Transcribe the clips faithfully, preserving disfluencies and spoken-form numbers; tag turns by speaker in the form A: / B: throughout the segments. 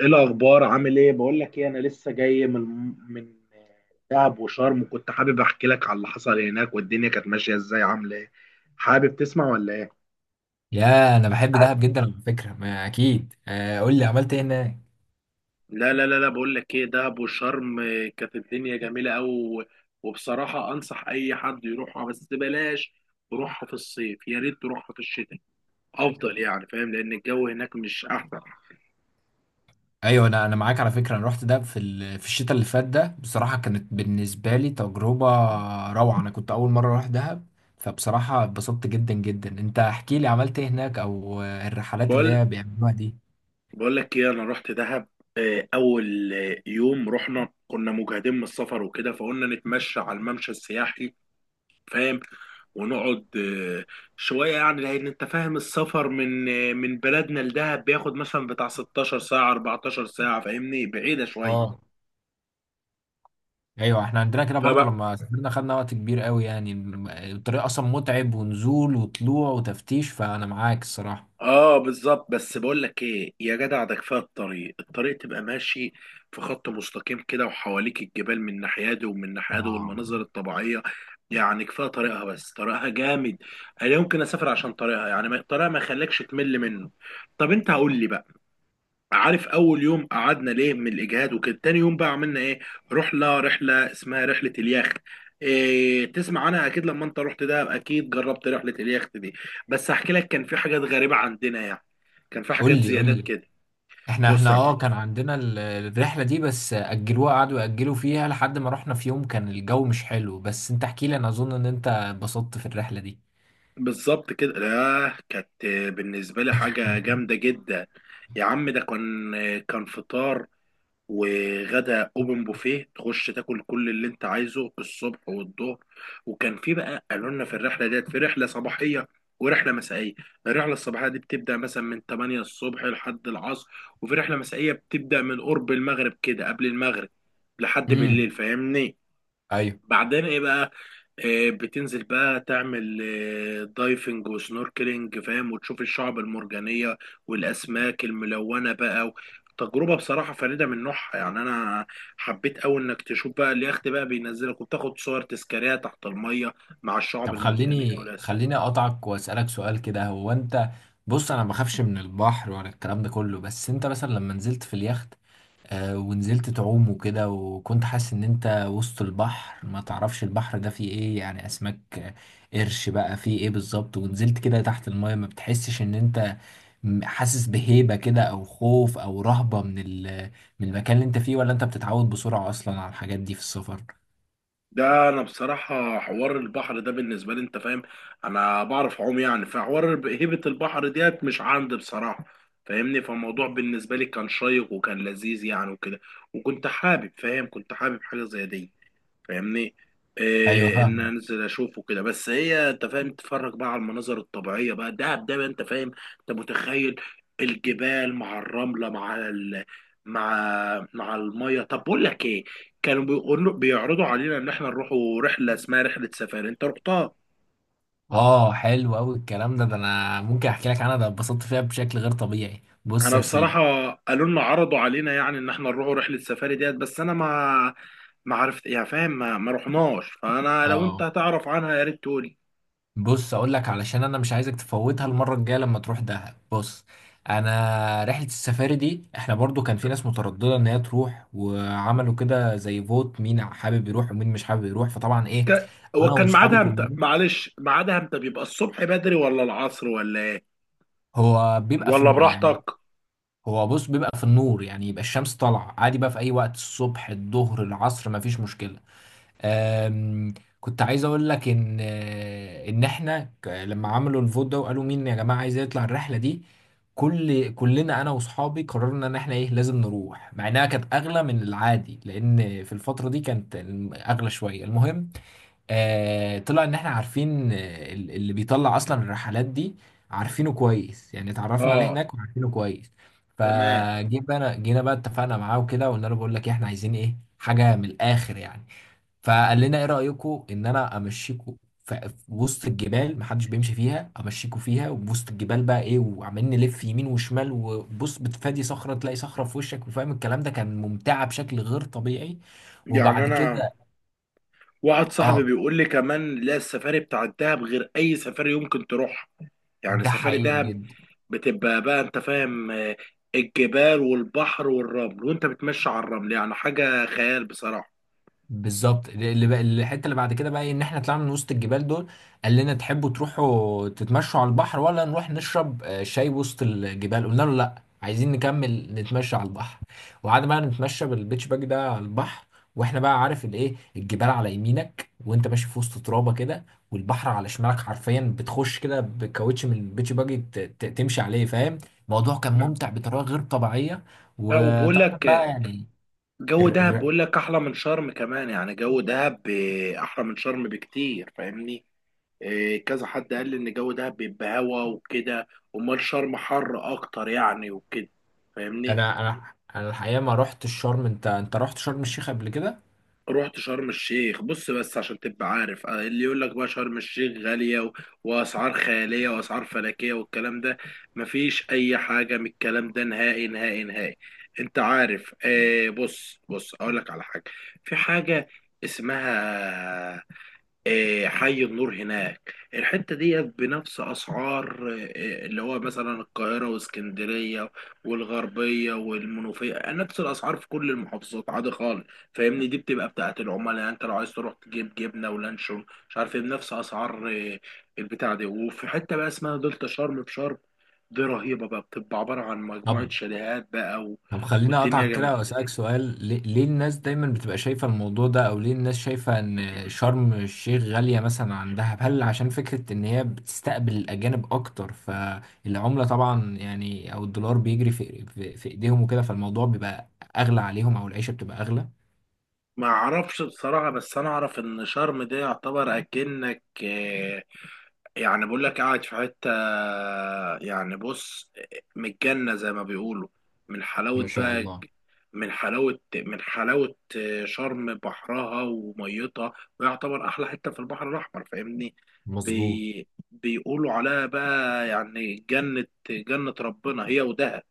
A: ايه الاخبار؟ عامل ايه؟ بقول لك ايه، انا لسه جاي من من دهب وشرم، وكنت حابب احكي لك على اللي حصل هناك، والدنيا كانت ماشيه ازاي، عامله ايه. حابب تسمع ولا ايه؟
B: يا، انا بحب دهب جدا على فكره. ما اكيد آه، قول لي عملت ايه هناك.
A: لا لا لا لا، بقول لك ايه، دهب وشرم، آه، كانت الدنيا جميله قوي. وبصراحه انصح اي حد يروحها، بس بلاش تروحها في الصيف، يا ريت تروحها في الشتاء افضل يعني، فاهم، لان الجو هناك مش احسن.
B: ايوه، انا انا معاك على فكره. انا رحت دهب في ال- في الشتاء اللي فات ده، بصراحه كانت بالنسبه لي تجربه روعه. انا كنت اول مره اروح دهب، فبصراحه اتبسطت جدا جدا. انت احكي لي عملت ايه هناك، او آه، الرحلات اللي
A: بقول
B: هي بيعملوها دي.
A: بقول لك ايه، انا رحت دهب. آه، اول آه، يوم رحنا كنا مجهدين من السفر وكده، فقلنا نتمشى على الممشى السياحي، فاهم، ونقعد آه، شويه يعني، لان انت فاهم السفر من آه، من بلدنا لدهب بياخد مثلا بتاع ستاشر ساعه اربعتاشر ساعه، فاهمني، بعيده شويه.
B: اه. ايوه احنا عندنا كده برضو، لما سافرنا خدنا وقت كبير قوي يعني، الم- الطريق اصلا متعب، ونزول وطلوع وتفتيش، فانا معاك الصراحه.
A: اه بالظبط، بس بقول لك ايه يا جدع، ده كفايه الطريق الطريق تبقى ماشي في خط مستقيم كده، وحواليك الجبال من ناحيه دي ومن ناحيه دي،
B: اه.
A: والمناظر الطبيعيه يعني كفايه طريقها. بس طريقها جامد. انا يمكن اسافر عشان طريقها، يعني ما- طريقها ما يخليكش تمل منه. طب انت قول لي بقى، عارف اول يوم قعدنا ليه من الاجهاد وكده، تاني يوم بقى عملنا ايه؟ رحله رحله اسمها رحله اليخت، إيه، تسمع عنها؟ اكيد لما انت رحت ده اكيد جربت رحله اليخت دي. بس هحكي لك، كان في حاجات غريبه عندنا يعني، كان في
B: قول
A: حاجات
B: لي قول
A: زيادات
B: لي.
A: كده.
B: احنا احنا
A: بص يا معلم،
B: اه كان عندنا ال- الرحلة دي، بس أجلوها، قعدوا يأجلوا فيها لحد ما رحنا في يوم كان الجو مش حلو. بس انت احكي لي، انا اظن ان انت اتبسطت في الرحلة دي.
A: بالظبط كده، لا كانت بالنسبه لي حاجه جامده جدا. يا عم، ده كان كان فطار وغدا اوبن بوفيه، تخش تاكل كل اللي انت عايزه الصبح والظهر. وكان في بقى، قالوا لنا في الرحله ديت في رحله صباحيه ورحله مسائيه. الرحله الصباحيه دي بتبدا مثلا من تمانيه الصبح لحد العصر، وفي رحله مسائيه بتبدا من قرب المغرب كده، قبل المغرب، لحد بالليل
B: امم
A: فاهمني.
B: ايوه.
A: بعدين ايه بقى، آه، بتنزل بقى تعمل آه، دايفنج وسنوركلينج فاهم، وتشوف الشعب المرجانية والأسماك الملونة بقى. تجربة بصراحة فريدة من نوعها، يعني أنا حبيت أوي إنك تشوف بقى اليخت بقى بينزلك وبتاخد صور تذكارية تحت المية مع الشعب
B: طب
A: المرجانية
B: خليني خليني
A: والأسماك.
B: اقطعك واسألك سؤال كده. هو انت... بص انا ما بخافش من البحر ولا الكلام ده كله، بس انت مثلا لما نزلت في اليخت آه، ونزلت تعوم وكده، وكنت حاسس ان انت وسط البحر، ما تعرفش البحر ده فيه ايه، يعني اسماك آه، قرش بقى، فيه ايه بالظبط. ونزلت كده تحت المايه، ما بتحسش ان انت م- حاسس بهيبة كده، او خوف او رهبة من ال- من المكان اللي انت فيه؟ ولا انت بتتعود بسرعة اصلا على الحاجات دي في السفر؟
A: ده انا بصراحة حوار البحر ده بالنسبة لي، انت فاهم، انا بعرف اعوم يعني، فحوار الب- هيبة البحر ديت مش عندي بصراحة، فاهمني، فالموضوع بالنسبة لي كان شيق وكان لذيذ يعني وكده. وكنت حابب، فاهم، كنت حابب حاجة زي دي، فاهمني،
B: ايوه
A: إيه، ان
B: فاهمك.
A: انزل اشوفه كده. بس هي انت فاهم، تتفرج بقى على المناظر الطبيعيه بقى، دهب ده بقى، انت فاهم، انت متخيل الجبال مع الرمله مع ال... مع مع الميه. طب بقول لك ايه، كانوا بيقولوا بيعرضوا علينا ان احنا نروحوا رحله اسمها رحله سفاري، انت رحتها؟
B: اه حلو قوي الكلام ده. ده انا ممكن احكي لك عنها، ده اتبسطت فيها بشكل غير طبيعي. بص
A: انا
B: يا سيدي.
A: بصراحه قالوا لنا عرضوا علينا يعني ان احنا نروحوا رحله سفاري ديت، بس انا ما ما عرفت يعني فاهم، ما, ما رحناش، فانا لو انت
B: اه،
A: هتعرف عنها يا ريت تقول.
B: بص اقول لك، علشان انا مش عايزك تفوتها المره الجايه لما تروح دهب. بص، انا رحله السفاري دي احنا برضو كان في ناس متردده ان هي تروح، وعملوا كده زي فوت، مين حابب يروح ومين مش حابب يروح، فطبعا ايه،
A: ك... هو
B: انا
A: كان
B: واصحابي
A: ميعادها امتى؟
B: كلنا.
A: معلش ميعادها امتى؟ بيبقى الصبح بدري ولا العصر ولا ايه
B: هو بيبقى في
A: ولا
B: الن- يعني
A: براحتك؟
B: هو بص بيبقى في النور يعني، يبقى الشمس طالعه عادي بقى في اي وقت، الصبح الظهر العصر، مفيش مشكله. آم، كنت عايز اقول لك ان آه، ان احنا ك- لما عملوا الفوت ده وقالوا مين يا جماعه عايز يطلع الرحله دي، كل كلنا انا واصحابي قررنا ان احنا ايه لازم نروح، مع انها كانت اغلى من العادي، لان في الفتره دي كانت الم- اغلى شويه. المهم آه طلع ان احنا عارفين آه، ال- اللي بيطلع اصلا الرحلات دي عارفينه كويس، يعني اتعرفنا عليه
A: اه
B: هناك وعارفينه كويس.
A: تمام،
B: فجينا بقى جينا بقى اتفقنا معاه وكده، وقلنا له بقول لك إيه، احنا عايزين ايه، حاجه من الاخر يعني. فقال لنا ايه رايكم ان انا امشيكم ف- في وسط الجبال محدش بيمشي فيها، امشيكم فيها. وبوسط الجبال بقى ايه، وعمالين نلف يمين وشمال، وبص بتفادي صخره تلاقي صخره في وشك، وفاهم الكلام ده، كان ممتعه بشكل غير طبيعي.
A: يعني
B: وبعد
A: انا
B: كده،
A: واحد صاحبي
B: اه،
A: بيقول لي كمان لا، السفاري بتاع الدهب غير اي سفاري يمكن تروح، يعني
B: ده
A: سفاري
B: حقيقي
A: دهب
B: جدا.
A: بتبقى بقى انت فاهم، آه، الجبال والبحر والرمل، وانت بتمشي على الرمل، يعني حاجة خيال بصراحة.
B: بالظبط. اللي بقى الحته اللي بعد كده بقى إيه؟ ان احنا طلعنا من وسط الجبال دول. قال لنا تحبوا تروحوا تتمشوا على البحر، ولا نروح نشرب آه، شاي وسط الجبال؟ قلنا له لا، عايزين نكمل نتمشى على البحر. وقعدنا بقى نتمشى بالبيتش باج ده على البحر، واحنا بقى عارف الايه، الجبال على يمينك وانت ماشي في وسط ترابه كده، والبحر على شمالك حرفيا. بتخش كده بكاوتش من البيتش باج ت- ت- تمشي عليه فاهم. الموضوع كان
A: مم.
B: ممتع بطريقه غير طبيعيه.
A: لا، وبقول
B: وطبعا
A: لك آه،
B: بقى يعني...
A: جو
B: الر-
A: دهب،
B: الر-
A: بقول لك احلى من شرم كمان، يعني جو دهب آه، احلى من شرم بكتير فاهمني. إيه، كذا حد قال لي ان جو دهب بيبقى هوا وكده، امال شرم حر اكتر يعني وكده فاهمني.
B: انا انا انا الحقيقه ما رحت الشرم. انت انت رحت شرم الشيخ قبل كده.
A: رحت شرم الشيخ، بص، بس عشان تبقى عارف، آه، اللي يقول لك بقى شرم الشيخ غالية و... واسعار خيالية واسعار فلكية والكلام ده، مفيش اي حاجة من الكلام ده نهائي نهائي نهائي. انت عارف، آه بص بص اقول لك على حاجة، في حاجة اسمها آه، حي النور هناك، الحتة دي بنفس أسعار آه، اللي هو مثلا القاهرة واسكندرية والغربية والمنوفية، آه، نفس الأسعار في كل المحافظات عادي خالص فاهمني. دي بتبقى بتاعة العملاء، يعني أنت لو عايز تروح تجيب جبنة ولانشون مش عارف إيه بنفس أسعار آه، البتاع دي. وفي حتة بقى اسمها دلتا شرم في شرم، دي رهيبة بقى، بتبقى عبارة عن
B: طب
A: مجموعة
B: مم.
A: شاليهات بقى و...
B: طب خليني
A: والدنيا
B: اقطعك
A: جامدة.
B: كده واسالك سؤال. ليه, ليه الناس دايما بتبقى شايفه الموضوع ده، او ليه الناس شايفه ان شرم الشيخ غاليه مثلا عن دهب؟ هل عشان فكره ان هي بتستقبل الاجانب اكتر، فالعمله طبعا يعني، او الدولار بيجري في في, في ايديهم وكده، فالموضوع بيبقى اغلى عليهم، او العيشه بتبقى اغلى.
A: ما اعرفش بصراحة، بس انا اعرف ان شرم ده يعتبر اكنك آه، يعني بقول لك قاعد في حتة، يعني بص، متجنة زي ما بيقولوا، من
B: ما
A: حلاوة
B: شاء
A: بقى،
B: الله.
A: من حلاوة من حلاوة شرم بحرها وميتها، ويعتبر أحلى حتة في البحر الأحمر فاهمني.
B: مظبوط.
A: بي بيقولوا عليها بقى يعني جنة جنة ربنا، هي ودهب.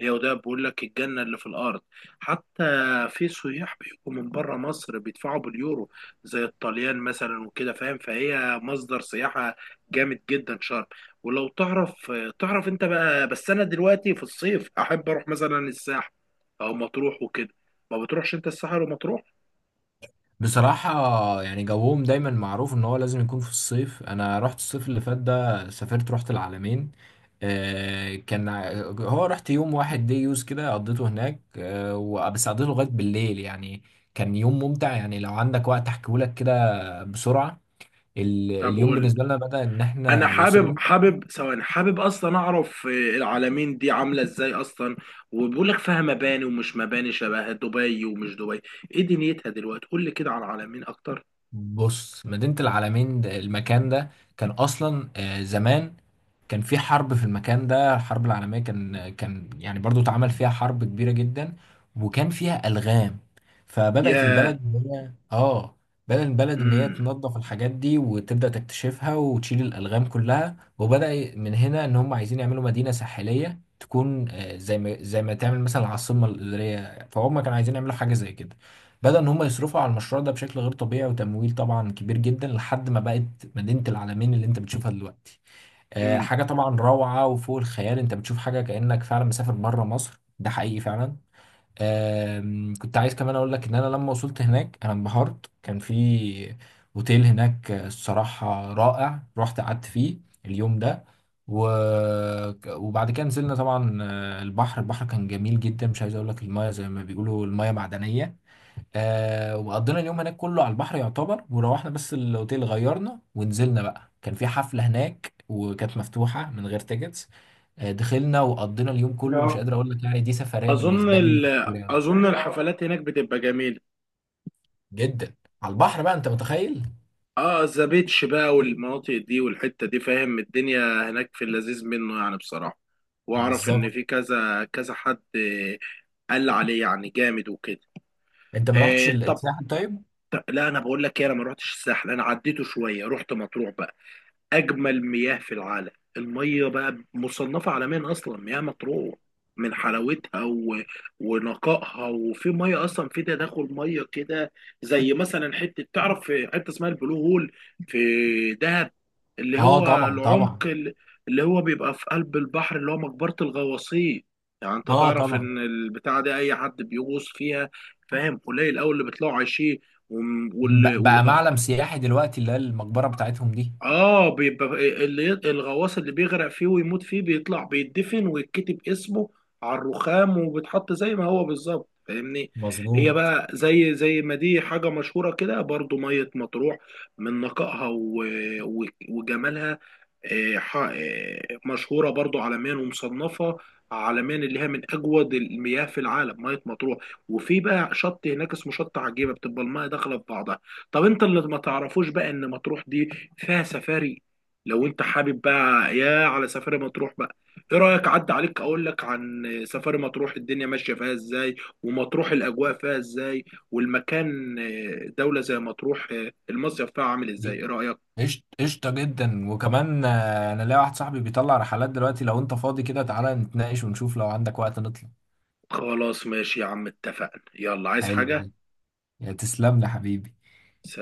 A: هي ودهب بيقول لك الجنة اللي في الأرض، حتى في سياح بيجوا من بره مصر بيدفعوا باليورو زي الطليان مثلا وكده فاهم، فهي مصدر سياحة جامد جدا شرم. ولو تعرف تعرف انت بقى، بس انا دلوقتي في الصيف احب اروح مثلا الساحل او مطروح وكده. ما بتروحش انت الساحل ومطروح؟
B: بصراحة يعني جوهم دايما معروف ان هو لازم يكون في الصيف. انا رحت الصيف اللي فات ده، سافرت رحت العلمين. آه، كان ع- هو رحت يوم واحد دي يوز كده، قضيته هناك، آه، و- بس قضيته لغاية بالليل يعني. كان يوم ممتع، يعني لو عندك وقت احكيهولك كده بسرعة. ال-
A: طب
B: اليوم
A: قول،
B: بالنسبة لنا بدأ ان
A: انا
B: احنا
A: حابب
B: وصلنا.
A: حابب ثواني، حابب اصلا اعرف العالمين دي عامله ازاي اصلا. وبيقول لك فيها مباني ومش مباني شبه دبي ومش دبي، ايه دنيتها دلوقتي؟ قول لي كده عن العالمين اكتر.
B: بص، مدينة العلمين ده- المكان ده كان اصلا آه، زمان كان في حرب في المكان ده، الحرب العالمية، كان كان يعني برضو اتعمل فيها حرب كبيرة جدا، وكان فيها ألغام. فبدأت
A: يا
B: البلد إن هي اه بدأت البلد إن هي
A: امم
B: تنظف الحاجات دي، وتبدأ تكتشفها وتشيل الألغام كلها. وبدأ من هنا إن هم عايزين يعملوا مدينة ساحلية تكون آه، زي ما زي ما تعمل مثلا العاصمة الإدارية، فهم كانوا عايزين يعملوا حاجة زي كده. بدأ إن هم يصرفوا على المشروع ده بشكل غير طبيعي، وتمويل طبعا كبير جدا، لحد ما بقت مدينة العالمين اللي أنت بتشوفها دلوقتي. آه،
A: امم
B: حاجة طبعا روعة وفوق الخيال. انت بتشوف حاجة كأنك فعلا مسافر بره مصر، ده حقيقي فعلا. آم، كنت عايز كمان اقول لك ان انا لما وصلت هناك انا انبهرت. كان في اوتيل هناك آه، الصراحة رائع، رحت قعدت فيه اليوم ده. و... وبعد كده نزلنا طبعا آه، البحر البحر كان جميل جدا، مش عايز اقول لك، المايه زي ما بيقولوا المايه معدنية. آه وقضينا اليوم هناك كله على البحر يعتبر، وروحنا بس الاوتيل غيرنا ونزلنا بقى، كان في حفلة هناك وكانت مفتوحة من غير تيكتس. آه دخلنا وقضينا اليوم كله. مش
A: اه،
B: قادر اقول لك، يعني دي سفرية
A: اظن
B: بالنسبة لي
A: ال...
B: كبيرة أوي.
A: اظن الحفلات هناك بتبقى جميله.
B: جدا على البحر بقى، انت متخيل.
A: اه ذا بيتش بقى والمناطق دي والحته دي فاهم، الدنيا هناك في اللذيذ منه يعني بصراحه. واعرف ان
B: بالظبط.
A: في كذا كذا حد آه، قال عليه يعني جامد وكده.
B: انت ما رحتش
A: آه طب،
B: الساحل طيب؟
A: طب- لا انا بقول لك ايه، انا ما روحتش الساحل، انا عديته شويه، رحت مطروح بقى، اجمل مياه في العالم. الميه بقى مصنفه عالميا اصلا، مياه مطروح من حلاوتها و... ونقائها، وفي ميه اصلا، في تداخل ميه كده، زي مثلا حته، تعرف في حته اسمها البلو هول في دهب، اللي
B: اه
A: هو
B: طبعا
A: العمق
B: طبعا.
A: ال- اللي هو بيبقى في قلب البحر، اللي هو مقبره الغواصين. يعني انت
B: اه
A: تعرف
B: طبعا.
A: ان البتاعه دي اي حد بيغوص فيها فاهم، قليل قوي اللي بيطلعوا عايشين،
B: ب- بقى
A: والغواصين.
B: معلم سياحي دلوقتي، اللي هي المقبرة بتاعتهم دي.
A: اه بيبقى اللي الغواص اللي بيغرق فيه ويموت فيه بيطلع بيتدفن، ويتكتب اسمه على الرخام، وبيتحط زي ما هو بالظبط فاهمني. هي
B: مظبوط.
A: بقى زي زي ما دي حاجة مشهورة كده برضو، مية مطروح من نقائها و- و- وجمالها، آه، ح- آه، مشهورة برضو عالميا ومصنفة عالميا، اللي هي من أجود المياه في العالم مية مطروح. وفي بقى شط هناك اسمه شط عجيبة، بتبقى المياه داخلة في بعضها. طب انت اللي ما تعرفوش بقى ان مطروح دي فيها سفاري، لو انت حابب بقى يا على سفاري مطروح بقى، ايه رأيك، عدى عليك اقول لك عن سفاري مطروح الدنيا ماشية فيها ازاي، ومطروح الاجواء فيها ازاي، والمكان، اه، دولة زي مطروح، اه، المصيف فيها عامل ازاي؟ ايه رأيك؟
B: قشط- قشطة جدا. وكمان آه، انا لاقي واحد صاحبي بيطلع رحلات دلوقتي، لو انت فاضي كده تعالى نتناقش ونشوف، لو عندك وقت نطلع.
A: خلاص ماشي يا عم، اتفقنا، يلا، عايز
B: حلو
A: حاجة؟
B: ده. يا تسلم لي حبيبي.